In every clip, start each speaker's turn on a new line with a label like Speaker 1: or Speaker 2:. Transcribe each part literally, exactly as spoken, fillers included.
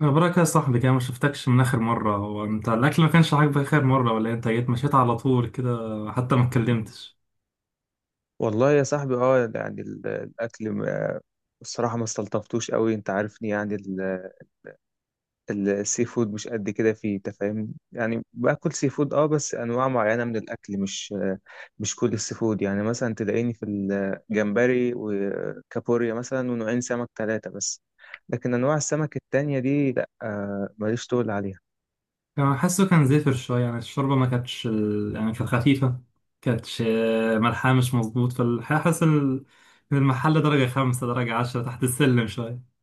Speaker 1: مبروك يا صاحبي كده، ما شفتكش من اخر مره. هو انت الاكل ما كانش عاجبك اخر مره ولا إيه؟ انت جيت مشيت على طول كده، حتى ما اتكلمتش.
Speaker 2: والله يا صاحبي، اه يعني ال- الاكل ما- الصراحه ما استلطفتوش قوي، انت عارفني، يعني ال- ال- السي فود مش قد كده فيه، انت فاهمني، يعني باكل سي فود، اه بس انواع معينه من الاكل، مش مش كل السي فود يعني، مثلا تلاقيني في الجمبري وكابوريا مثلا، ونوعين سمك ثلاثه بس، لكن انواع السمك التانية دي، لا، آه، ماليش طول عليها.
Speaker 1: كان حاسه كان زفر شويه، يعني الشوربه ما كانتش ال... يعني كانت خفيفه، كانتش. آه، ملحها مش مظبوط، فحاسس ال... إن المحل درجه خمسة درجه عشرة تحت السلم شويه.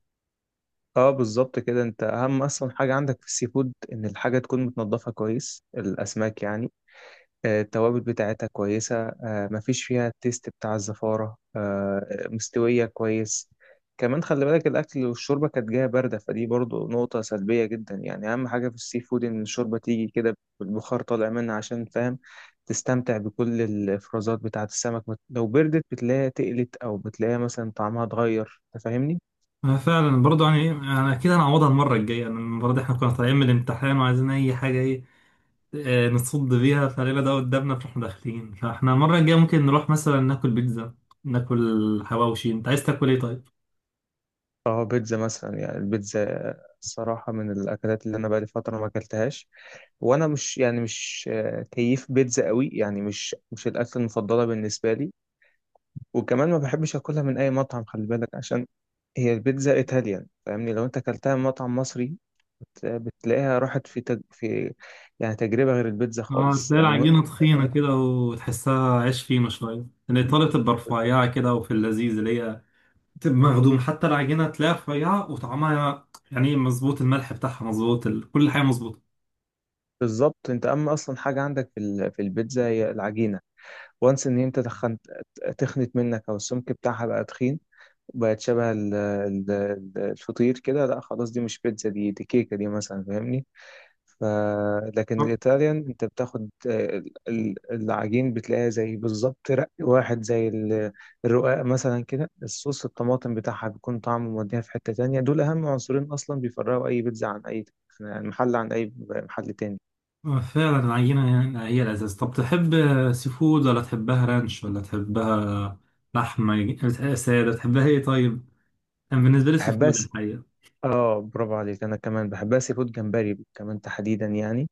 Speaker 2: اه، بالظبط كده. انت اهم اصلا حاجه عندك في السي فود ان الحاجه تكون متنضفه كويس، الاسماك يعني، آه، التوابل بتاعتها كويسة، آه، مفيش فيها التيست بتاع الزفارة، آه، مستوية كويس. كمان خلي بالك، الأكل والشوربة كانت جاية باردة، فدي برضو نقطة سلبية جدا. يعني أهم حاجة في السي فود إن الشوربة تيجي كده بالبخار طالع منها، عشان فاهم تستمتع بكل الإفرازات بتاعة السمك. بت- لو بردت، بتلاقيها تقلت، أو بتلاقيها مثلا طعمها اتغير، أنت فاهمني؟
Speaker 1: أنا فعلا برضو، يعني انا كده هنعوضها المره الجايه، يعني المره دي احنا كنا طالعين من الامتحان وعايزين اي حاجه، إيه آه، نصد بيها. فليلة ده قدامنا، فاحنا داخلين. فاحنا المرة الجاية ممكن نروح مثلا ناكل بيتزا، ناكل حواوشي. انت عايز تاكل ايه طيب؟
Speaker 2: اه، بيتزا مثلا، يعني البيتزا الصراحة من الأكلات اللي أنا بقالي فترة ما أكلتهاش، وانا مش، يعني مش آه، كيف بيتزا قوي يعني، مش مش الاكل المفضله بالنسبه لي. وكمان ما بحبش اكلها من اي مطعم، خلي بالك، عشان هي البيتزا ايطاليان، فاهمني، لو انت اكلتها من مطعم مصري، بت- بتلاقيها راحت في تج... في يعني تجربه غير البيتزا
Speaker 1: اه،
Speaker 2: خالص،
Speaker 1: تلاقي
Speaker 2: يعني مهم
Speaker 1: العجينة
Speaker 2: جدا
Speaker 1: تخينة
Speaker 2: معاك.
Speaker 1: كده وتحسها عيش فينو شوية. الإيطالية تبقى رفيعة كده، وفي اللذيذ اللي هي تبقى مخدوم، حتى العجينة تلاقيها رفيعة وطعمها يعني مظبوط، الملح بتاعها مظبوط، ال... كل حاجة مظبوطة.
Speaker 2: بالظبط، انت اما اصلا حاجه عندك في ال... في البيتزا هي العجينه، وانس ان انت تخنت تخنت منك، او السمك بتاعها بقى تخين، بقت شبه ال... ال... الفطير كده. لا خلاص، دي مش بيتزا، دي دي كيكه دي مثلا، فاهمني؟ ف... لكن
Speaker 1: آه،
Speaker 2: الإيطاليان، أنت بتاخد آه، ال- ال- العجين، بتلاقيها زي بالظبط رق واحد زي ال- الرقاق مثلا كده، الصوص الطماطم بتاعها بيكون طعمه موديها في حتة تانية. دول أهم عنصرين أصلا بيفرقوا أي بيتزا عن أي عن محل عن أي محل تاني.
Speaker 1: آه، فعلا العجينة يعني هي الأساس. طب تحب سي فود ولا تحبها رانش ولا تحبها لحمة سادة؟ تحبها ايه طيب؟ كان بالنسبة لي سي
Speaker 2: بحبها
Speaker 1: فود
Speaker 2: س-
Speaker 1: الحقيقة.
Speaker 2: آه، برافو عليك. أنا كمان بحبها سي فود، جمبري كمان تحديدا يعني.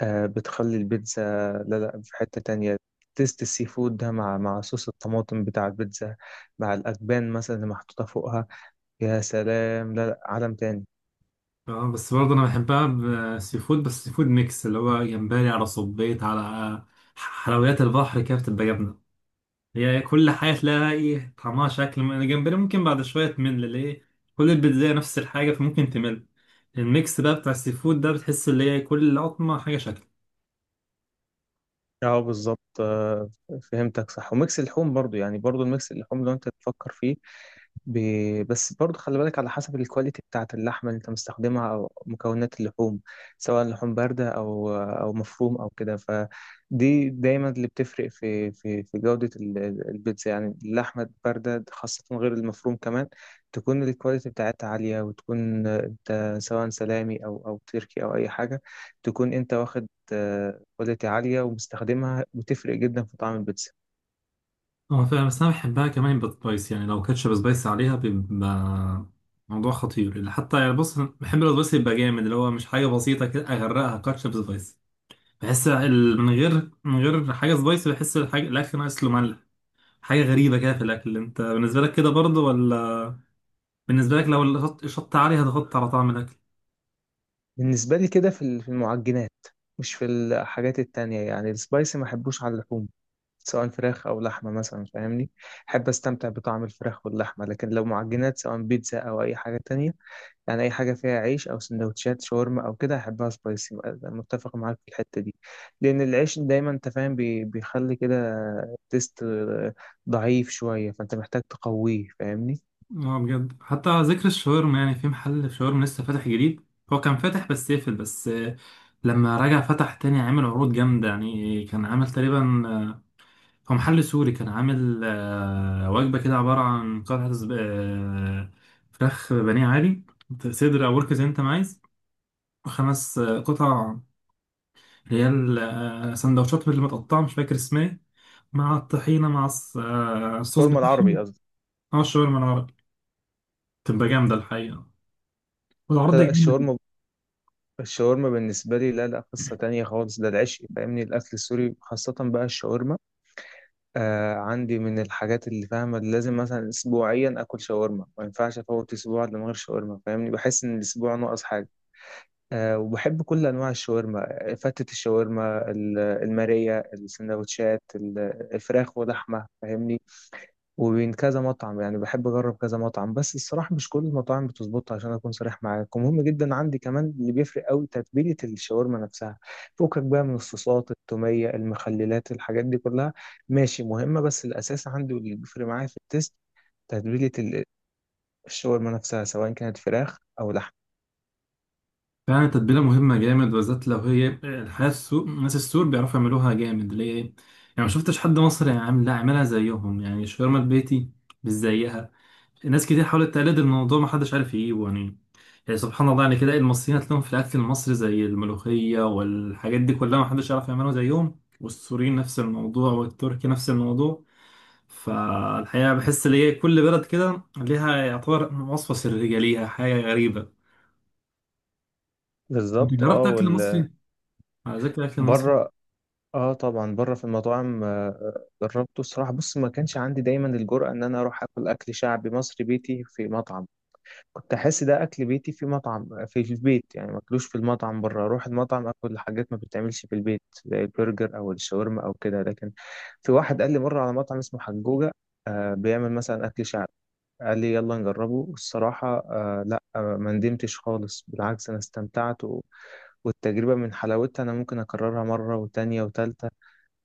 Speaker 2: آه، بتخلي البيتزا. لا لا، في حتة تانية، تيست السي فود ده مع مع صوص الطماطم بتاع البيتزا، مع الأجبان مثلا اللي محطوطة فوقها، يا سلام. لا لا، عالم تاني.
Speaker 1: اه بس برضه انا بحبها بسي فود بس سي فود ميكس، اللي هو جمبري على صبيط على حلويات البحر كده، بتبقى جبنة. هي كل حاجة تلاقيها ايه طعمها شكل، من الجمبري ممكن بعد شوية تمل ليه. كل البيتزا نفس الحاجة فممكن تمل، الميكس بقى بتاع السي فود ده بتحس اللي هي كل لقطمة حاجة شكل.
Speaker 2: اه بالظبط، آه، فهمتك صح. وميكس اللحوم برضو، يعني برضو الميكس اللحوم لو انت تفكر فيه، ب... بس برضه خلي بالك، على حسب الكواليتي بتاعة اللحمة اللي انت مستخدمها او مكونات اللحوم، سواء لحوم باردة او او مفروم او كده، فدي دايما اللي بتفرق في في في جودة ال- البيتزا يعني. اللحمة الباردة خاصة، غير المفروم كمان، تكون الكواليتي بتاعتها عالية. وتكون انت سواء سلامي او او تركي او اي حاجة، تكون انت واخد آه، كواليتي عالية ومستخدمها، وتفرق جدا في طعم البيتزا.
Speaker 1: اه فعلا، بس انا بحبها كمان بالسبايس، يعني لو كاتشب سبايس عليها بيبقى موضوع خطير. اللي حتى يعني، بص، بحب السبايس يبقى جامد، اللي هو مش حاجة بسيطة كده اغرقها كاتشب سبايس. بحس ال- من غير من غير حاجه سبايسي بحس الحاجه الاكل ناقص له ملح، حاجه غريبه كده في الاكل. انت بالنسبه لك كده برضه ولا؟ بالنسبه لك لو الشط الشط عالي هتغطي على طعم الاكل؟
Speaker 2: بالنسبة لي كده في ال- في المعجنات، مش في الحاجات التانية. يعني السبايسي ما احبوش على اللحوم، سواء فراخ أو لحمة مثلا، فاهمني. أحب أستمتع بطعم الفراخ واللحمة، لكن لو معجنات، سواء بيتزا أو أي حاجة تانية، يعني أي حاجة فيها عيش أو سندوتشات شاورما أو كده، أحبها سبايسي. أنا متفق معاك في الحتة دي، لأن العيش دايما، أنت فاهم، بي- بيخلي كده تيست ضعيف شوية، فأنت محتاج تقويه، فاهمني.
Speaker 1: اه بجد، حتى على ذكر الشاورما، يعني في محل شاورما لسه فاتح جديد. هو كان فاتح بس قفل، بس آه، لما رجع فتح تاني عامل عروض جامده، يعني كان عامل تقريبا آه، هو محل سوري، كان عامل آه، وجبه كده عباره عن قطعه زب- آه، فراخ بانيه عادي، صدر او ورك زي انت ما عايز، خمس آه، قطع. هي ال- آه، سندوتشات اللي متقطعة، مش فاكر اسمها ايه، مع الطحينة، مع الص- آه، الصوص
Speaker 2: شاورما العربي
Speaker 1: بتاعهم.
Speaker 2: قصدي.
Speaker 1: اه الشاورما العربي بتبقى جامدة الحقيقة، والعرض جامد.
Speaker 2: الشاورما الشاورما بالنسبة لي، لا لا، قصة تانية خالص. ده العشق، فاهمني، الأكل السوري، خاصة بقى الشاورما. آه عندي من الحاجات اللي فاهمة لازم مثلا أسبوعيا آكل شاورما، ما ينفعش أفوت أسبوع إلا من غير شاورما، فاهمني، بحس إن الأسبوع ناقص حاجة. آه وبحب كل أنواع الشاورما، آه، فتة الشاورما، ال- المارية، السندوتشات، ال- الفراخ ولحمة، فاهمني. وبين كذا مطعم يعني، بحب اجرب كذا مطعم، بس الصراحه مش كل المطاعم بتظبط، عشان اكون صريح معاك. ومهم جدا عندي كمان اللي بيفرق قوي، تتبيله الشاورما نفسها، فوقك بقى من الصوصات، التوميه، المخللات، الحاجات دي كلها ماشي مهمه، بس الاساس عندي واللي بيفرق معايا في التست، تتبيله ال- الشاورما نفسها، سواء كانت فراخ او لحم.
Speaker 1: فعلا التتبيلة مهمة جامد، بالذات لو هي الحياة السوق. ناس السور بيعرفوا يعملوها جامد، ليه يعني؟ ما شفتش حد مصري عامل، لا، عاملها زيهم، يعني الشاورما البيتي مش زيها. ناس كتير حاولت تقلد الموضوع ما حدش عارف يجيبه، يعني يعني سبحان الله، يعني كده المصريين هتلاقيهم في الاكل المصري زي الملوخيه والحاجات دي كلها ما حدش يعرف يعملها زيهم، والسوريين نفس الموضوع، والتركي نفس الموضوع. فالحقيقه بحس ان هي كل بلد كده ليها يعتبر وصفه سريه ليها، حاجه غريبه. انت
Speaker 2: بالظبط.
Speaker 1: جربت
Speaker 2: اه
Speaker 1: اكل
Speaker 2: وال
Speaker 1: مصري؟ على ذكر الاكل المصري.
Speaker 2: بره. اه، طبعا بره في المطاعم. آه، آه، جربته الصراحه. بص، ما كانش عندي دايما الجرأة ان انا اروح اكل اكل شعبي مصري بيتي في مطعم. كنت احس ده اكل بيتي، في مطعم في في البيت يعني ماكلوش في المطعم بره. اروح المطعم اكل حاجات ما بتتعملش في البيت، زي البرجر او الشاورما او كده. لكن في واحد قال لي مره على مطعم اسمه حجوجه، آه بيعمل مثلا اكل شعبي، قال لي يلا نجربه. الصراحه، آه لا، آه ما ندمتش خالص، بالعكس، انا استمتعت، و... والتجربه من حلاوتها انا ممكن اكررها مره وتانية وتالتة،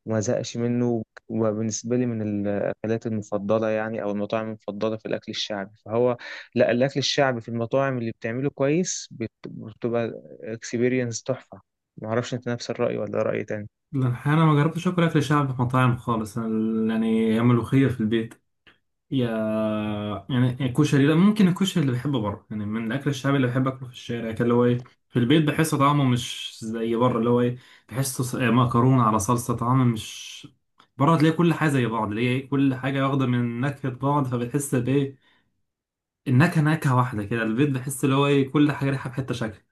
Speaker 2: وما زهقش منه. وبالنسبة لي من الأكلات المفضلة، يعني، أو المطاعم المفضلة في الأكل الشعبي، فهو، لا، الأكل الشعبي في المطاعم اللي بتعمله كويس بت- بتبقى اكسبيرينس تحفة. معرفش أنت نفس الرأي ولا رأي تاني؟
Speaker 1: لا، الحقيقة انا ما جربتش اكل اكل شعبي في مطاعم خالص. أنا ال- يعني هي ملوخيه في البيت. يا يعني الكشري، لا، ممكن الكشري اللي بحبه بره، يعني من الاكل الشعبي اللي بحب اكله في الشارع. كان اللي هو ايه في البيت بحس طعمه مش زي بره. اللي هو ايه بحسه ص- مكرونه على صلصه، طعمه مش... بره تلاقي كل حاجه زي بعض، اللي هي إيه، كل حاجه واخده من نكهه بعض فبتحس بايه، النكهه نكهه واحده كده. البيت بحس اللي هو ايه كل حاجه ريحه في حته شكل.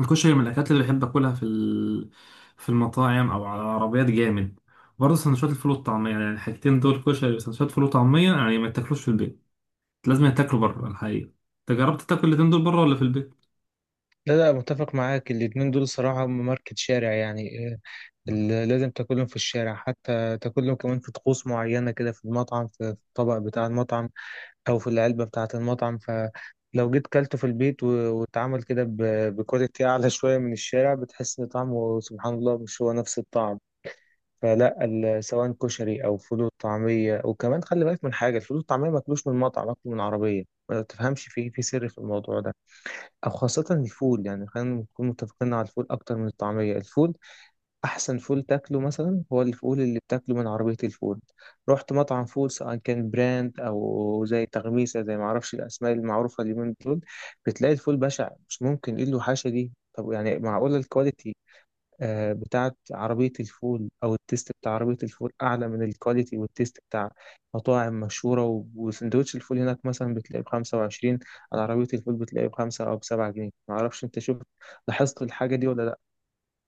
Speaker 1: الكشري من الأكلات اللي بحب أكلها في ال... في المطاعم أو على عربيات، جامد. برضه سندوتشات الفول والطعمية، يعني الحاجتين دول، كشري وسندوتشات فول وطعمية، يعني ما تاكلوش في البيت، لازم تاكلوا بره الحقيقة. أنت جربت تاكل الاتنين دول بره ولا في البيت؟
Speaker 2: لا لا، متفق معاك. الاتنين دول صراحة هم ماركة شارع يعني، آه، ال- لازم تاكلهم في الشارع، حتى تاكلهم كمان في طقوس معينة كده في المطعم، في في الطبق بتاع المطعم، او في العلبه بتاعه المطعم. فلو جيت كلته في البيت و- واتعمل كده ب- بكواليتي اعلى شويه من الشارع، بتحس ان طعمه، سبحان الله، مش هو نفس الطعم. فلا، ال- سواء كشري او فول طعميه. وكمان خلي بالك من حاجه، الفول الطعميه ماكلوش من مطعم، ماكله من عربيه، ما تفهمش في في سر في الموضوع ده. او خاصه الفول، يعني خلينا نكون متفقين على الفول اكتر من الطعميه. الفول، احسن فول تاكله مثلا هو الفول اللي بتاكله من عربيه الفول. رحت مطعم فول، سواء كان براند او زي تغميسه، زي ما اعرفش الاسماء المعروفه اليومين دول، بتلاقي الفول بشع، مش ممكن، ايه له، حاشا دي. طب يعني معقوله الكواليتي آه، بتاعت عربيه الفول او التيست بتاع عربيه الفول اعلى من الكواليتي والتيست بتاع مطاعم مشهوره؟ و- وسندوتش الفول هناك مثلا بتلاقيه ب خمسة وعشرين، على عربيه الفول بتلاقيه بخمسة او بسبعة جنيه. معرفش انت شفت، لاحظت الحاجه دي ولا لا؟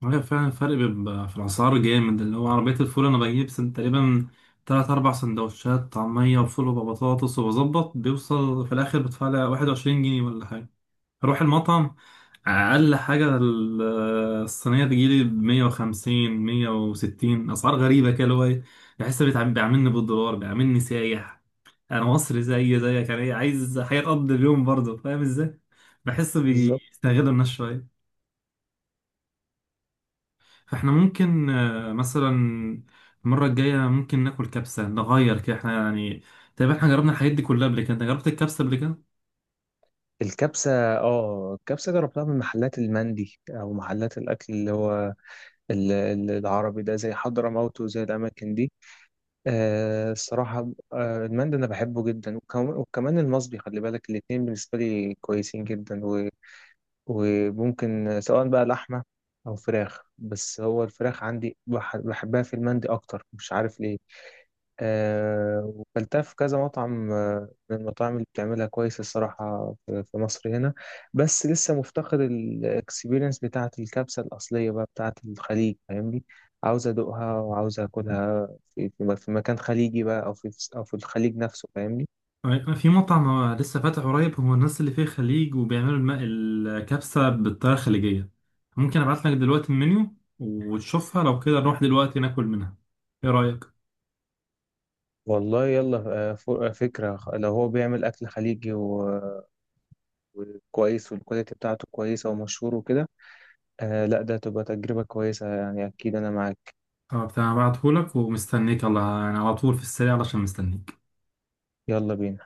Speaker 1: هي فعلا الفرق بيبقى في الأسعار جامد. اللي هو عربية الفول أنا بجيب سن تقريبا تلات أربع سندوتشات طعمية وفول وبطاطس، وبظبط بيوصل في الآخر بدفع لي واحد وعشرين جنيه ولا حاجة. اروح المطعم اقل حاجه ال- الصينيه تجيلي ب مية وخمسين مية وستين، اسعار غريبه كده اللي هو ايه. بحس بيتعامل- بيعاملني بالدولار، بيعاملني سايح. انا مصري زي زيك، انا إيه، عايز حياه اقضي اليوم برضه، فاهم ازاي؟ بحس
Speaker 2: بالظبط.
Speaker 1: بيستغلوا الناس شويه. فاحنا ممكن آه، مثلا المره الجايه ممكن ناكل كبسه، نغير كده احنا يعني. تقريبا احنا جربنا الحاجات دي كلها قبل كده. انت جربت الكبسه قبل كده؟
Speaker 2: الكبسة، اه الكبسة جربتها من محلات المندي، أو محلات الأكل اللي هو ال- ال- العربي ده، زي حضرموت وزي الأماكن دي. آه الصراحة، آه المندي أنا بحبه جدا، وكم- وكمان المصبي، خلي بالك الاتنين بالنسبة لي كويسين جدا. و- وممكن سواء بقى لحمة أو فراخ، بس هو الفراخ عندي بح- بحبها في المندي أكتر، مش عارف ليه. آه، وكلتها في كذا مطعم، آه، من المطاعم اللي بتعملها كويس الصراحة في في مصر هنا. بس لسه مفتقد الاكسبيرينس بتاعة الكبسة الأصلية بقى، بتاعة الخليج، فاهمني. عاوز أدوقها، وعاوز أكلها في, في في مكان خليجي بقى، أو في أو في الخليج نفسه، فاهمني.
Speaker 1: أي- في مطعم آه، لسه فاتح قريب، هو الناس اللي فيه خليج وبيعملوا الم- الكبسة بالطريقة الخليجية. ممكن ابعت لك دلوقتي المنيو وتشوفها، لو كده نروح دلوقتي ناكل منها. ايه رأيك؟
Speaker 2: والله يلا. آه، ف- آه، فكرة، خ- لو هو بيعمل أكل خليجي و- وكويس، والكواليتي بتاعته كويسة ومشهور وكده، آه، لا، ده تبقى تجربة كويسة يعني، أكيد أنا معاك.
Speaker 1: اه بتاع، هبعتهولك ومستنيك، الله. انا على طول في السريع علشان مستنيك.
Speaker 2: يلا بينا.